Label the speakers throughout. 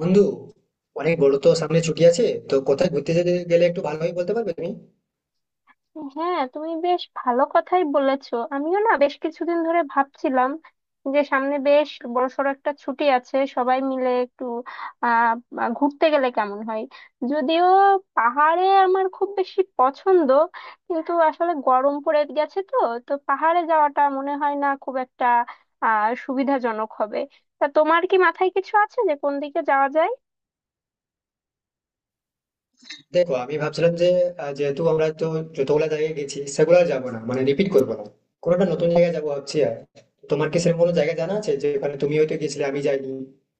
Speaker 1: বন্ধু অনেক বড়, তো সামনে ছুটি আছে, তো কোথায় ঘুরতে যেতে গেলে একটু ভালোভাবে বলতে পারবে তুমি?
Speaker 2: হ্যাঁ, তুমি বেশ ভালো কথাই বলেছো। আমিও না বেশ কিছুদিন ধরে ভাবছিলাম যে সামনে বেশ বড়সড় একটা ছুটি আছে, সবাই মিলে একটু আহ আহ, ঘুরতে গেলে কেমন হয়। যদিও পাহাড়ে আমার খুব বেশি পছন্দ, কিন্তু আসলে গরম পড়ে গেছে, তো তো পাহাড়ে যাওয়াটা মনে হয় না খুব একটা সুবিধাজনক হবে। তা তোমার কি মাথায় কিছু আছে যে কোন দিকে যাওয়া
Speaker 1: দেখো, আমি ভাবছিলাম যে যেহেতু আমরা তো যতগুলা জায়গায় গেছি সেগুলো আর যাবো না, মানে রিপিট করবো না। কোনো একটা নতুন জায়গায় যাবো ভাবছি। আর তোমার কি সেরকম কোনো জায়গা জানা আছে যে ওখানে তুমি হয়তো গেছিলে আমি যাইনি?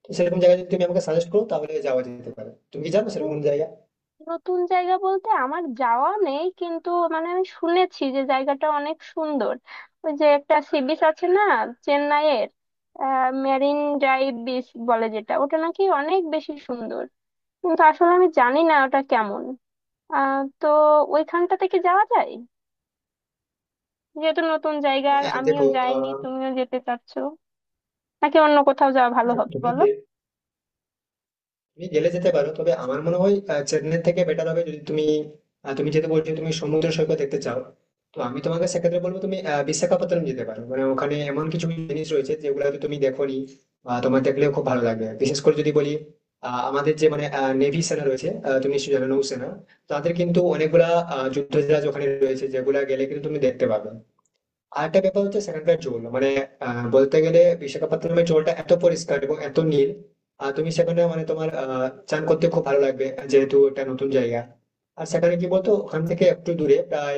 Speaker 1: তো সেরকম জায়গা যদি তুমি আমাকে সাজেস্ট করো তাহলে যাওয়া যেতে পারে। তুমি কি জানো সেরকম
Speaker 2: যায়?
Speaker 1: কোনো জায়গা?
Speaker 2: নতুন জায়গা বলতে আমার যাওয়া নেই, কিন্তু মানে আমি শুনেছি যে জায়গাটা অনেক সুন্দর। ওই যে একটা সি বিচ আছে না, চেন্নাইয়ের মেরিন ড্রাইভ বিচ বলে যেটা, ওটা নাকি অনেক বেশি সুন্দর। কিন্তু আসলে আমি জানি না ওটা কেমন। তো ওইখানটাতে কি যাওয়া যায়, যেহেতু নতুন জায়গা?
Speaker 1: হ্যাঁ
Speaker 2: আমিও
Speaker 1: দেখো।
Speaker 2: যাইনি,
Speaker 1: আহ
Speaker 2: তুমিও যেতে চাচ্ছো, নাকি অন্য কোথাও যাওয়া ভালো
Speaker 1: হ্যাঁ,
Speaker 2: হবে,
Speaker 1: তুমি
Speaker 2: বলো?
Speaker 1: গে- তুমি জেলে যেতে পারো, তবে আমার মনে হয় চেন্নাই থেকে বেটার হবে। যদি তুমি তুমি যেতে বলছো, তুমি সমুদ্র সৈকত দেখতে চাও, তো আমি তোমাকে সেক্ষেত্রে বলবো তুমি বিশাখাপত্তনম যেতে পারো। মানে ওখানে এমন কিছু জিনিস রয়েছে যেগুলো হয়তো তুমি দেখোনি, বা তোমার দেখলেও খুব ভালো লাগবে। বিশেষ করে যদি বলি, আমাদের যে মানে নেভি সেনা রয়েছে, তুমি নিশ্চয়ই জানো নৌসেনা, তাদের কিন্তু অনেকগুলা যুদ্ধ জাহাজ ওখানে রয়েছে, যেগুলা গেলে কিন্তু তুমি দেখতে পাবে। আরেকটা ব্যাপার হচ্ছে সেখানকার জল মানে, বলতে গেলে বিশাখাপত্তনমের জলটা এত পরিষ্কার এবং এত নীল, আর তুমি সেখানে মানে তোমার চান করতে খুব ভালো লাগবে, যেহেতু এটা নতুন জায়গা। আর সেখানে কি বলতো, ওখান থেকে একটু দূরে প্রায়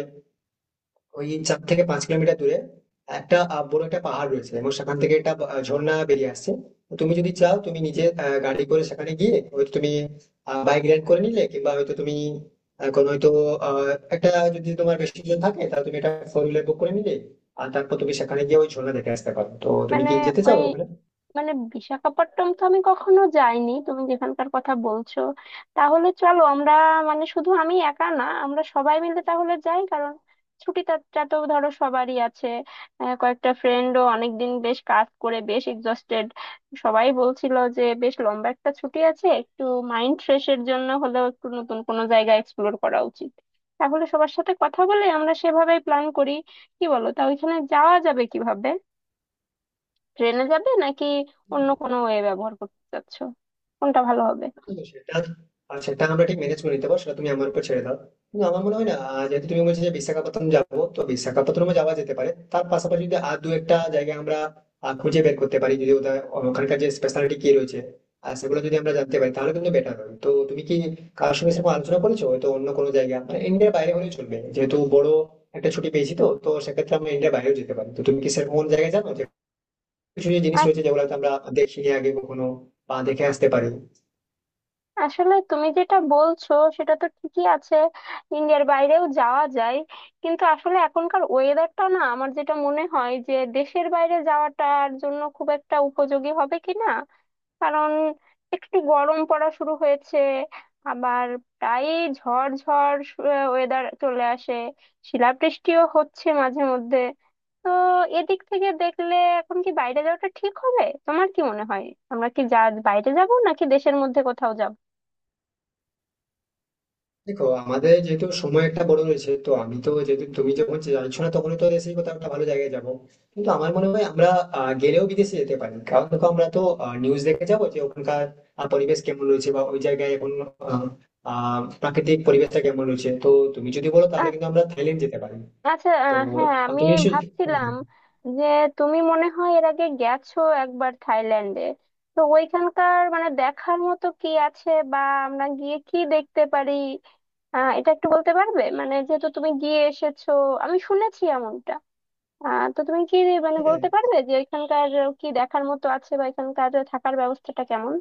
Speaker 1: ওই 4 থেকে 5 কিলোমিটার দূরে একটা বড় একটা পাহাড় রয়েছে, এবং সেখান থেকে একটা ঝর্ণা বেরিয়ে আসছে। তো তুমি যদি চাও তুমি নিজে গাড়ি করে সেখানে গিয়ে হয়তো তুমি বাইক
Speaker 2: উম,
Speaker 1: রেন্ট করে নিলে, কিংবা হয়তো তুমি আহ, কোনো হয়তো আহ, একটা যদি তোমার বেশি জন থাকে তাহলে তুমি একটা ফোর হুইলার বুক করে নিলে, আর তারপর তুমি সেখানে গিয়ে ওই ঝর্ণা দেখে আসতে পারো। তো তুমি
Speaker 2: মানে
Speaker 1: কি যেতে
Speaker 2: ওই
Speaker 1: চাও ওখানে?
Speaker 2: মানে বিশাখাপট্টনম তো আমি কখনো যাইনি, তুমি যেখানকার কথা বলছো। তাহলে চলো আমরা, মানে শুধু আমি একা না, আমরা সবাই মিলে তাহলে যাই, কারণ ছুটিটা তো ধরো সবারই আছে। কয়েকটা ফ্রেন্ডও অনেকদিন বেশ কাজ করে বেশ এক্সস্টেড। সবাই বলছিল যে বেশ লম্বা একটা ছুটি আছে, একটু মাইন্ড ফ্রেশের জন্য হলেও একটু নতুন কোনো জায়গা এক্সপ্লোর করা উচিত। তাহলে সবার সাথে কথা বলে আমরা সেভাবেই প্ল্যান করি, কি বলো? তা ওইখানে যাওয়া যাবে কিভাবে? ট্রেনে যাবে, নাকি অন্য কোনো ওয়ে ব্যবহার করতে চাচ্ছো? কোনটা ভালো হবে?
Speaker 1: হুম, সেটা আর সেটা আমরা ঠিক ম্যানেজ করে নিতে পারবো, সেটা তুমি আমার উপর ছেড়ে দাও। কিন্তু আমার মনে হয় না, যেহেতু তুমি বলছো যে বিশাখাপত্তনম যাবো, তো বিশাখাপত্তনমে যাওয়া যেতে পারে। তার পাশাপাশি যদি আর দু একটা জায়গা আমরা খুঁজে বের করতে পারি, যদি ওদের ওখানকার যে স্পেশালিটি কি রয়েছে আর সেগুলো যদি আমরা জানতে পারি তাহলে কিন্তু বেটার হবে। তো তুমি কি কার সঙ্গে সেরকম আলোচনা করেছো? হয়তো অন্য কোনো জায়গা মানে ইন্ডিয়ার বাইরে হলেও চলবে, যেহেতু বড় একটা ছুটি পেয়েছি, তো তো সেক্ষেত্রে আমরা ইন্ডিয়ার বাইরেও যেতে পারি। তো তুমি কি সেরকম কোনো জায়গায় জানো, যে কিছু যে জিনিস রয়েছে যেগুলো হয়তো আমরা দেখিনি আগে কখনো, বা দেখে আসতে পারি?
Speaker 2: আসলে তুমি যেটা বলছো সেটা তো ঠিকই আছে, ইন্ডিয়ার বাইরেও যাওয়া যায়। কিন্তু আসলে এখনকার ওয়েদারটা না, আমার যেটা মনে হয়, যে দেশের বাইরে যাওয়াটার জন্য খুব একটা উপযোগী হবে কি না। কারণ একটু গরম পড়া শুরু হয়েছে। আবার প্রায় ঝড় ঝড় ওয়েদার চলে আসে, শিলাবৃষ্টিও হচ্ছে মাঝে মধ্যে। তো এদিক থেকে দেখলে এখন কি বাইরে যাওয়াটা ঠিক হবে, তোমার কি মনে হয়? আমরা কি যা বাইরে যাব, নাকি দেশের মধ্যে কোথাও যাব?
Speaker 1: দেখো আমাদের যেহেতু সময় একটা বড় রয়েছে, তো আমি তো যেহেতু তুমি যখন চাইছো না, তখন তো দেশেই কোথাও একটা ভালো জায়গায় যাবো। কিন্তু আমার মনে হয় আমরা গেলেও বিদেশে যেতে পারি। কারণ দেখো আমরা তো নিউজ দেখে যাবো যে ওখানকার পরিবেশ কেমন রয়েছে, বা ওই জায়গায় এখন আহ, আহ, প্রাকৃতিক পরিবেশটা কেমন রয়েছে। তো তুমি যদি বলো তাহলে
Speaker 2: আচ-
Speaker 1: কিন্তু আমরা থাইল্যান্ড যেতে পারি।
Speaker 2: আচ্ছা
Speaker 1: তো
Speaker 2: আহ, হ্যাঁ,
Speaker 1: আহ,
Speaker 2: আমি
Speaker 1: তুমি নিশ্চয়ই
Speaker 2: ভাবছিলাম যে তুমি মনে হয় এর আগে গেছো একবার থাইল্যান্ডে। তো ওইখানকার মানে দেখার মতো কি আছে বা আমরা গিয়ে কি দেখতে পারি? এটা একটু বলতে পারবে, মানে যেহেতু তুমি গিয়ে এসেছো, আমি শুনেছি এমনটা। তো তুমি কি মানে
Speaker 1: হ্যাঁ।
Speaker 2: বলতে পারবে যে এখানকার কি দেখার মতো আছে বা এখানকার থাকার ব্যবস্থাটা কেমন?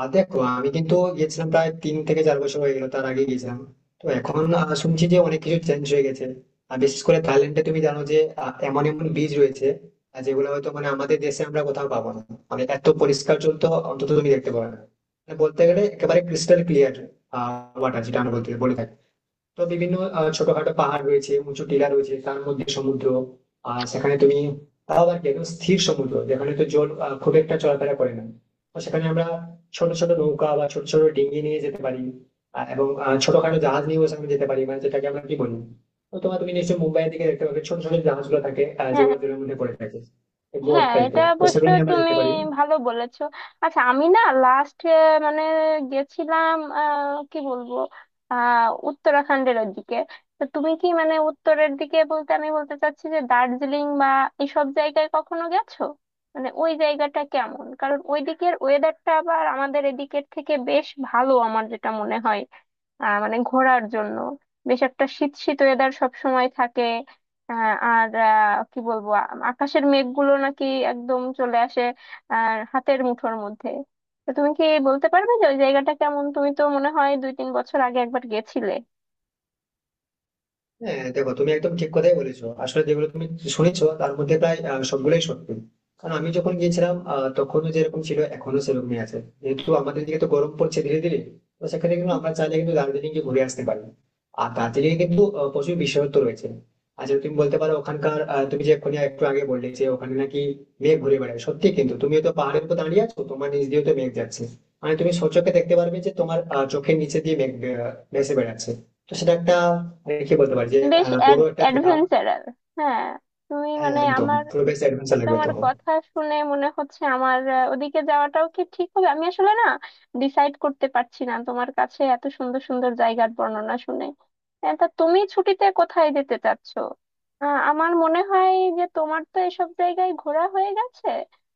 Speaker 1: আর দেখো, আমি কিন্তু গেছিলাম প্রায় 3 থেকে 4 বছর হয়ে গেল তার আগে গেছিলাম। তো এখন শুনছি যে অনেক কিছু চেঞ্জ হয়ে গেছে। আর বিশেষ করে থাইল্যান্ডে তুমি জানো যে এমন এমন বীজ রয়েছে যেগুলো হয়তো মানে আমাদের দেশে আমরা কোথাও পাবো না। মানে এত পরিষ্কার জল তো অন্তত তুমি দেখতে পাবে না, মানে বলতে গেলে একেবারে ক্রিস্টাল ক্লিয়ার ওয়াটার যেটা আমরা বলতে বলে থাকি। তো বিভিন্ন ছোটখাটো পাহাড় রয়েছে, উঁচু টিলা রয়েছে, তার মধ্যে সমুদ্র। আর সেখানে তুমি তাও আবার কি একদম স্থির সমুদ্র, যেখানে তো জল খুব একটা চলাফেরা করে না। তো সেখানে আমরা ছোট ছোট নৌকা বা ছোট ছোট ডিঙি নিয়ে যেতে পারি, এবং ছোটখাটো জাহাজ নিয়েও সেখানে যেতে পারি, মানে যেটাকে আমরা কি বলি। তো তোমার তুমি নিশ্চয়ই মুম্বাইয়ের দিকে দেখতে পাবে ছোট ছোট জাহাজগুলো থাকে
Speaker 2: হ্যাঁ,
Speaker 1: যেগুলো জলের মধ্যে পড়ে থাকে, বোট
Speaker 2: হ্যাঁ, এটা
Speaker 1: টাইপের, তো
Speaker 2: অবশ্য
Speaker 1: সেগুলো নিয়ে আমরা
Speaker 2: তুমি
Speaker 1: যেতে পারি।
Speaker 2: ভালো বলেছো। আচ্ছা, আমি না লাস্ট মানে গেছিলাম কি বলবো, উত্তরাখণ্ডের ওদিকে। তো তুমি কি মানে উত্তরের দিকে বলতে আমি বলতে চাচ্ছি যে দার্জিলিং বা এসব জায়গায় কখনো গেছো? মানে ওই জায়গাটা কেমন, কারণ ওই দিকের ওয়েদারটা আবার আমাদের এদিকের থেকে বেশ ভালো আমার যেটা মনে হয়। মানে ঘোরার জন্য বেশ একটা শীত শীত ওয়েদার সব সময় থাকে। আর কি বলবো, আকাশের মেঘগুলো নাকি একদম চলে আসে আর হাতের মুঠোর মধ্যে। তো তুমি কি বলতে পারবে যে ওই জায়গাটা কেমন? তুমি তো মনে হয় দুই তিন বছর আগে একবার গেছিলে।
Speaker 1: হ্যাঁ দেখো, তুমি একদম ঠিক কথাই বলেছো। আসলে যেগুলো তুমি শুনেছো তার মধ্যে প্রায় সবগুলোই সত্যি। কারণ আমি যখন গিয়েছিলাম তখনও যেরকম ছিল এখনো সেরকমই আছে, যেহেতু আমাদের দিকে তো গরম পড়ছে ধীরে ধীরে। তো সেখানে কিন্তু আমরা চাইলে কিন্তু দার্জিলিং এ ঘুরে আসতে পারি। আর দার্জিলিং এ কিন্তু প্রচুর বিশেষত্ব রয়েছে। আর যেটা তুমি বলতে পারো ওখানকার, তুমি যে এক্ষুনি একটু আগে বললে যে ওখানে নাকি মেঘ ঘুরে বেড়ায়, সত্যি কিন্তু। তুমি তো পাহাড়ের উপর দাঁড়িয়ে আছো, তোমার নিচ দিয়ে তো মেঘ যাচ্ছে, মানে তুমি সচক্ষে দেখতে পারবে যে তোমার চোখের নিচে দিয়ে মেঘ ভেসে বেড়াচ্ছে। তো সেটা একটা রেখে বলতে পারি যে
Speaker 2: বেশ
Speaker 1: বড় একটা দেখা।
Speaker 2: অ্যাডভেঞ্চারাল। হ্যাঁ, তুমি
Speaker 1: হ্যাঁ
Speaker 2: মানে
Speaker 1: একদম
Speaker 2: আমার,
Speaker 1: পুরো বেশ
Speaker 2: আর
Speaker 1: অ্যাডভেঞ্চার লাগবে
Speaker 2: তোমার
Speaker 1: তখন।
Speaker 2: কথা শুনে মনে হচ্ছে আমার ওদিকে যাওয়াটাও কি ঠিক হবে। আমি আসলে না ডিসাইড করতে পারছি না, তোমার কাছে এত সুন্দর সুন্দর জায়গার বর্ণনা শুনে। তা তুমি ছুটিতে কোথায় যেতে চাচ্ছো? আমার মনে হয় যে তোমার তো এসব জায়গায় ঘোরা হয়ে গেছে,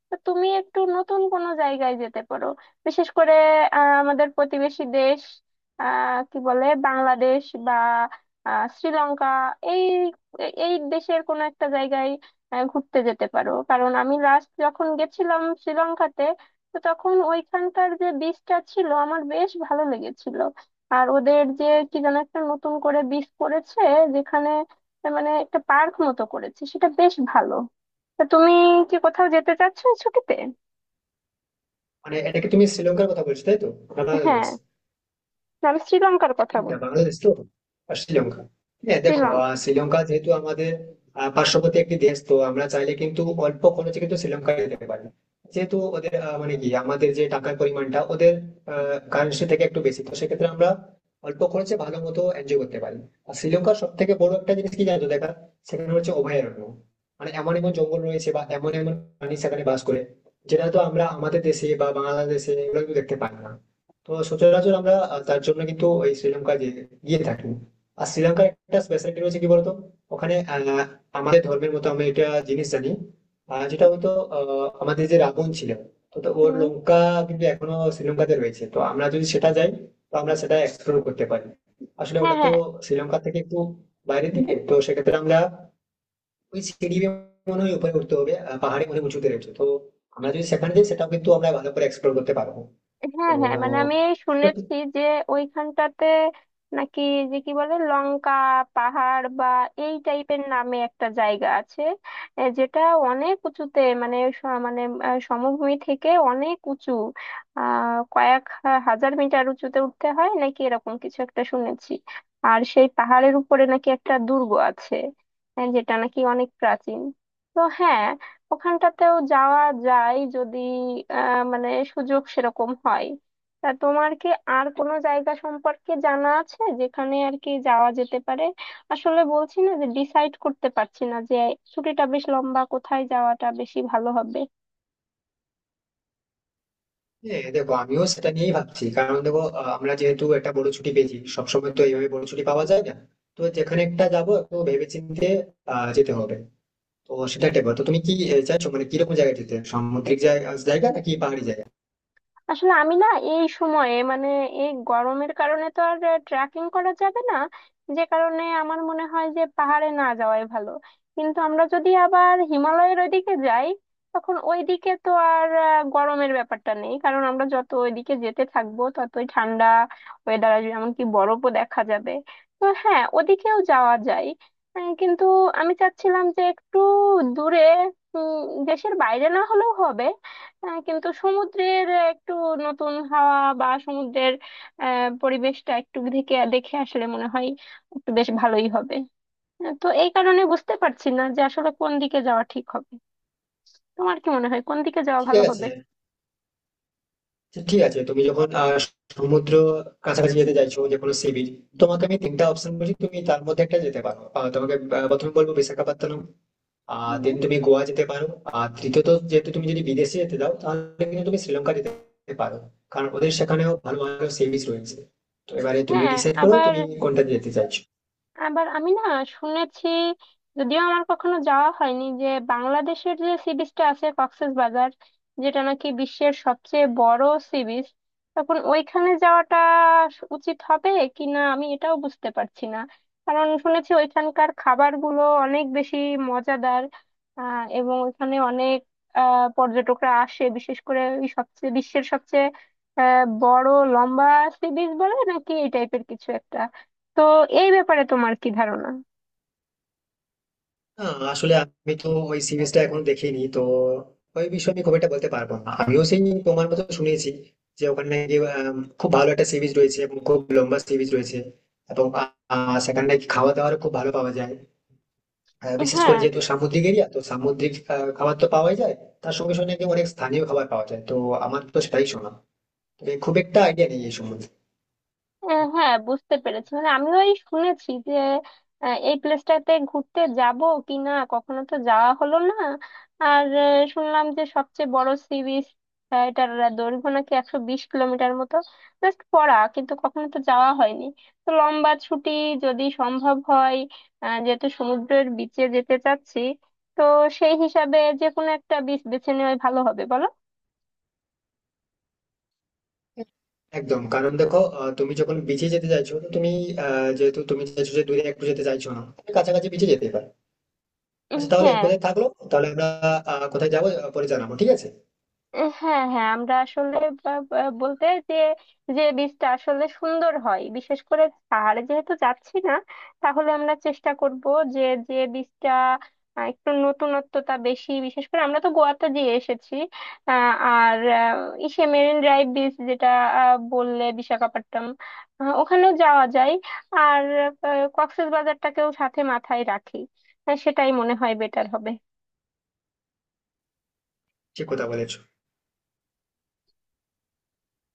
Speaker 2: তো তুমি একটু নতুন কোনো জায়গায় যেতে পারো। বিশেষ করে আমাদের প্রতিবেশী দেশ, কি বলে, বাংলাদেশ বা শ্রীলঙ্কা, এই এই দেশের কোনো একটা জায়গায় ঘুরতে যেতে পারো। কারণ আমি লাস্ট যখন গেছিলাম শ্রীলঙ্কাতে, তো তখন ওইখানকার যে বিচটা ছিল আমার বেশ ভালো লেগেছিল। আর ওদের যে কি যেন একটা নতুন করে বিচ করেছে, যেখানে মানে একটা পার্ক মতো করেছে, সেটা বেশ ভালো। তা তুমি কি কোথাও যেতে চাচ্ছ এই ছুটিতে?
Speaker 1: মানে এটা কি তুমি শ্রীলঙ্কার কথা বলছো, তাই তো? না বাংলাদেশ?
Speaker 2: হ্যাঁ, আমি শ্রীলঙ্কার কথা
Speaker 1: কোনটা,
Speaker 2: বলছি।
Speaker 1: বাংলাদেশ তো আর শ্রীলঙ্কা? হ্যাঁ দেখো,
Speaker 2: শ্রীলঙ্কা।
Speaker 1: শ্রীলঙ্কা যেহেতু আমাদের পার্শ্ববর্তী একটি দেশ, তো আমরা চাইলে কিন্তু অল্প খরচে কিন্তু শ্রীলঙ্কা যেতে পারি। যেহেতু ওদের মানে কি আমাদের যে টাকার পরিমাণটা ওদের কারেন্সি থেকে একটু বেশি, তো সেক্ষেত্রে আমরা অল্প খরচে ভালো মতো এনজয় করতে পারি। আর শ্রীলঙ্কার সব থেকে বড় একটা জিনিস কি জানো দেখা, সেখানে হচ্ছে অভয়ারণ্য। মানে এমন এমন জঙ্গল রয়েছে বা এমন এমন প্রাণী সেখানে বাস করে যেটা তো আমরা আমাদের দেশে বা বাংলাদেশে এগুলো কিন্তু দেখতে পাই না। তো সচরাচর আমরা তার জন্য কিন্তু ওই শ্রীলঙ্কা গিয়ে গিয়ে থাকি। আর শ্রীলঙ্কার একটা স্পেশালিটি রয়েছে কি বলতো, ওখানে আমাদের ধর্মের মতো আমি একটা জিনিস জানি, আহ, যেটা হয়তো আহ, আমাদের যে রাবণ ছিল, তো তো ওর
Speaker 2: হুম।
Speaker 1: লঙ্কা কিন্তু এখনো শ্রীলঙ্কাতে রয়েছে। তো আমরা যদি সেটা যাই তো আমরা সেটা এক্সপ্লোর করতে পারি। আসলে
Speaker 2: হ্যাঁ,
Speaker 1: ওটা তো
Speaker 2: হ্যাঁ,
Speaker 1: শ্রীলঙ্কা থেকে একটু বাইরের দিকে, তো সেক্ষেত্রে আমরা ওই সিঁড়ি বেয়ে মনে হয় উপরে উঠতে হবে, পাহাড়ে মনে হয় উঁচুতে রয়েছে। তো আমরা যদি সেখানে যাই সেটাও কিন্তু আমরা ভালো করে এক্সপ্লোর করতে পারবো। তো
Speaker 2: হ্যাঁ, হ্যাঁ, মানে আমি
Speaker 1: সেটা
Speaker 2: শুনেছি যে ওইখানটাতে নাকি, যে কি বলে, লঙ্কা পাহাড় বা এই টাইপের নামে একটা জায়গা আছে, যেটা অনেক উঁচুতে, মানে মানে সমভূমি থেকে অনেক উঁচু, কয়েক হাজার মিটার উঁচুতে উঠতে হয় নাকি, এরকম কিছু একটা শুনেছি। আর সেই পাহাড়ের উপরে নাকি একটা দুর্গ আছে, যেটা নাকি অনেক প্রাচীন। তো হ্যাঁ, ওখানটাতেও যাওয়া যায় যদি মানে সুযোগ সেরকম হয়। তা তোমার কি আর কোনো জায়গা সম্পর্কে জানা আছে যেখানে আর কি যাওয়া যেতে পারে? আসলে বলছি না যে ডিসাইড করতে পারছি না যে, ছুটিটা বেশ লম্বা, কোথায় যাওয়াটা বেশি ভালো হবে।
Speaker 1: হ্যাঁ দেখো, আমিও সেটা নিয়েই ভাবছি। কারণ দেখো আমরা যেহেতু একটা বড় ছুটি পেয়েছি, সবসময় তো এইভাবে বড় ছুটি পাওয়া যায় না। তো যেখানে একটা যাবো একটু ভেবেচিন্তে যেতে হবে, তো সেটা একটা ব্যাপার। তো তুমি কি চাইছো, মানে কিরকম জায়গায় যেতে, সামুদ্রিক জায়গা জায়গা নাকি পাহাড়ি জায়গা?
Speaker 2: আসলে আমি না এই সময়ে মানে এই গরমের কারণে তো আর ট্রেকিং করা যাবে না, যে কারণে আমার মনে হয় যে পাহাড়ে না যাওয়াই ভালো। কিন্তু আমরা যদি আবার হিমালয়ের ওইদিকে যাই, তখন ওইদিকে তো আর গরমের ব্যাপারটা নেই, কারণ আমরা যত ওইদিকে যেতে থাকবো ততই ঠান্ডা ওয়েদার আসবে, এমনকি বরফও দেখা যাবে। তো হ্যাঁ, ওদিকেও যাওয়া যায়। কিন্তু আমি চাচ্ছিলাম যে একটু দূরে, দেশের বাইরে না হলেও হবে, হ্যাঁ, কিন্তু সমুদ্রের একটু নতুন হাওয়া বা সমুদ্রের পরিবেশটা একটু দেখে দেখে আসলে মনে হয় একটু বেশ ভালোই হবে। তো এই কারণে বুঝতে পারছি না যে আসলে কোন দিকে যাওয়া ঠিক হবে। তোমার কি মনে হয় কোন দিকে যাওয়া
Speaker 1: ঠিক
Speaker 2: ভালো
Speaker 1: আছে,
Speaker 2: হবে?
Speaker 1: তো ঠিক আছে তুমি যখন সমুদ্র কাছাকাছি যেতে চাইছো, যে কোনো সি বিচ, তোমাকে আমি তিনটা অপশন বলছি, তুমি তার মধ্যে একটা যেতে পারো। তোমাকে প্রথমে বলবো বিশাখাপত্তনম।
Speaker 2: উম,
Speaker 1: দেন তুমি গোয়া যেতে পারো। আর তৃতীয়ত, যেহেতু তুমি যদি বিদেশে যেতে দাও তাহলে কিন্তু তুমি শ্রীলঙ্কা যেতে পারো, কারণ ওদের সেখানেও ভালো ভালো সি বিচ রয়েছে। তো এবারে তুমি
Speaker 2: হ্যাঁ।
Speaker 1: ডিসাইড করো
Speaker 2: আবার
Speaker 1: তুমি কোনটা যেতে চাইছো।
Speaker 2: আবার আমি না শুনেছি, যদিও আমার কখনো যাওয়া হয়নি, যে বাংলাদেশের যে সি বিচটা আছে, কক্সবাজার, যেটা নাকি বিশ্বের সবচেয়ে বড় সি বিচ। তখন ওইখানে যাওয়াটা উচিত হবে কি না আমি এটাও বুঝতে পারছি না, কারণ শুনেছি ওইখানকার খাবারগুলো অনেক বেশি মজাদার। এবং ওইখানে অনেক পর্যটকরা আসে, বিশেষ করে ওই সবচেয়ে, বিশ্বের সবচেয়ে বড় লম্বা সি বিচ বলে নাকি এই টাইপের কিছু একটা। তো এই ব্যাপারে তোমার কি ধারণা?
Speaker 1: না, আসলে আমি তো ওই সি বিচটা এখনো দেখিনি, তো ওই বিষয়ে আমি খুব একটা বলতে পারবো না। আমিও সেই তোমার মতো শুনেছি যে ওখানে নাকি খুব ভালো একটা সি বিচ রয়েছে এবং খুব লম্বা সি বিচ রয়েছে, এবং সেখানে নাকি খাওয়া দাওয়ার খুব ভালো পাওয়া যায়। বিশেষ করে
Speaker 2: হ্যাঁ
Speaker 1: যেহেতু সামুদ্রিক এরিয়া, তো সামুদ্রিক খাবার তো পাওয়াই যায়, তার সঙ্গে সঙ্গে নাকি অনেক স্থানীয় খাবার পাওয়া যায়। তো আমার তো সেটাই শোনা, তবে খুব একটা আইডিয়া নেই এই সম্বন্ধে।
Speaker 2: হ্যাঁ, বুঝতে পেরেছি, মানে আমিও এই শুনেছি যে এই প্লেসটাতে ঘুরতে যাব কি না, কখনো তো যাওয়া হলো না। আর শুনলাম যে সবচেয়ে বড় সি বিচ, এটার দৈর্ঘ্য নাকি 120 কিলোমিটার মতো, জাস্ট পড়া, কিন্তু কখনো তো যাওয়া হয়নি। তো লম্বা ছুটি, যদি সম্ভব হয়, যেহেতু সমুদ্রের বিচে যেতে চাচ্ছি, তো সেই হিসাবে যে কোনো একটা বিচ বেছে নেওয়াই ভালো হবে, বলো?
Speaker 1: একদম। কারণ দেখো তুমি যখন বিচে যেতে চাইছো, তো তুমি যেহেতু তুমি চাইছো যে দূরে একটু যেতে চাইছো না, তুমি কাছাকাছি বিচে যেতে পারো। আচ্ছা, তাহলে এই
Speaker 2: হ্যাঁ।
Speaker 1: কথাই থাকলো। তাহলে আমরা কোথায় যাবো পরে জানাবো, ঠিক আছে?
Speaker 2: হ্যাঁ, হ্যাঁ, আমরা আসলে বা- বা- বলতে যে যে বীজটা আসলে সুন্দর হয়, বিশেষ করে পাহাড়ে যেহেতু যাচ্ছি না, তাহলে আমরা চেষ্টা করব যে যে বীজটা একটু নতুনত্বতা বেশি। বিশেষ করে আমরা তো গোয়াতে দিয়ে এসেছি। আর ইসে মেরিন ড্রাইভ বীজ যেটা বললে বিশাখাপট্টনম, ওখানেও যাওয়া যায়। আর কক্সবাজারটাকেও সাথে মাথায় রাখি, সেটাই মনে হয় বেটার হবে।
Speaker 1: ঠিক কথা বলেছো।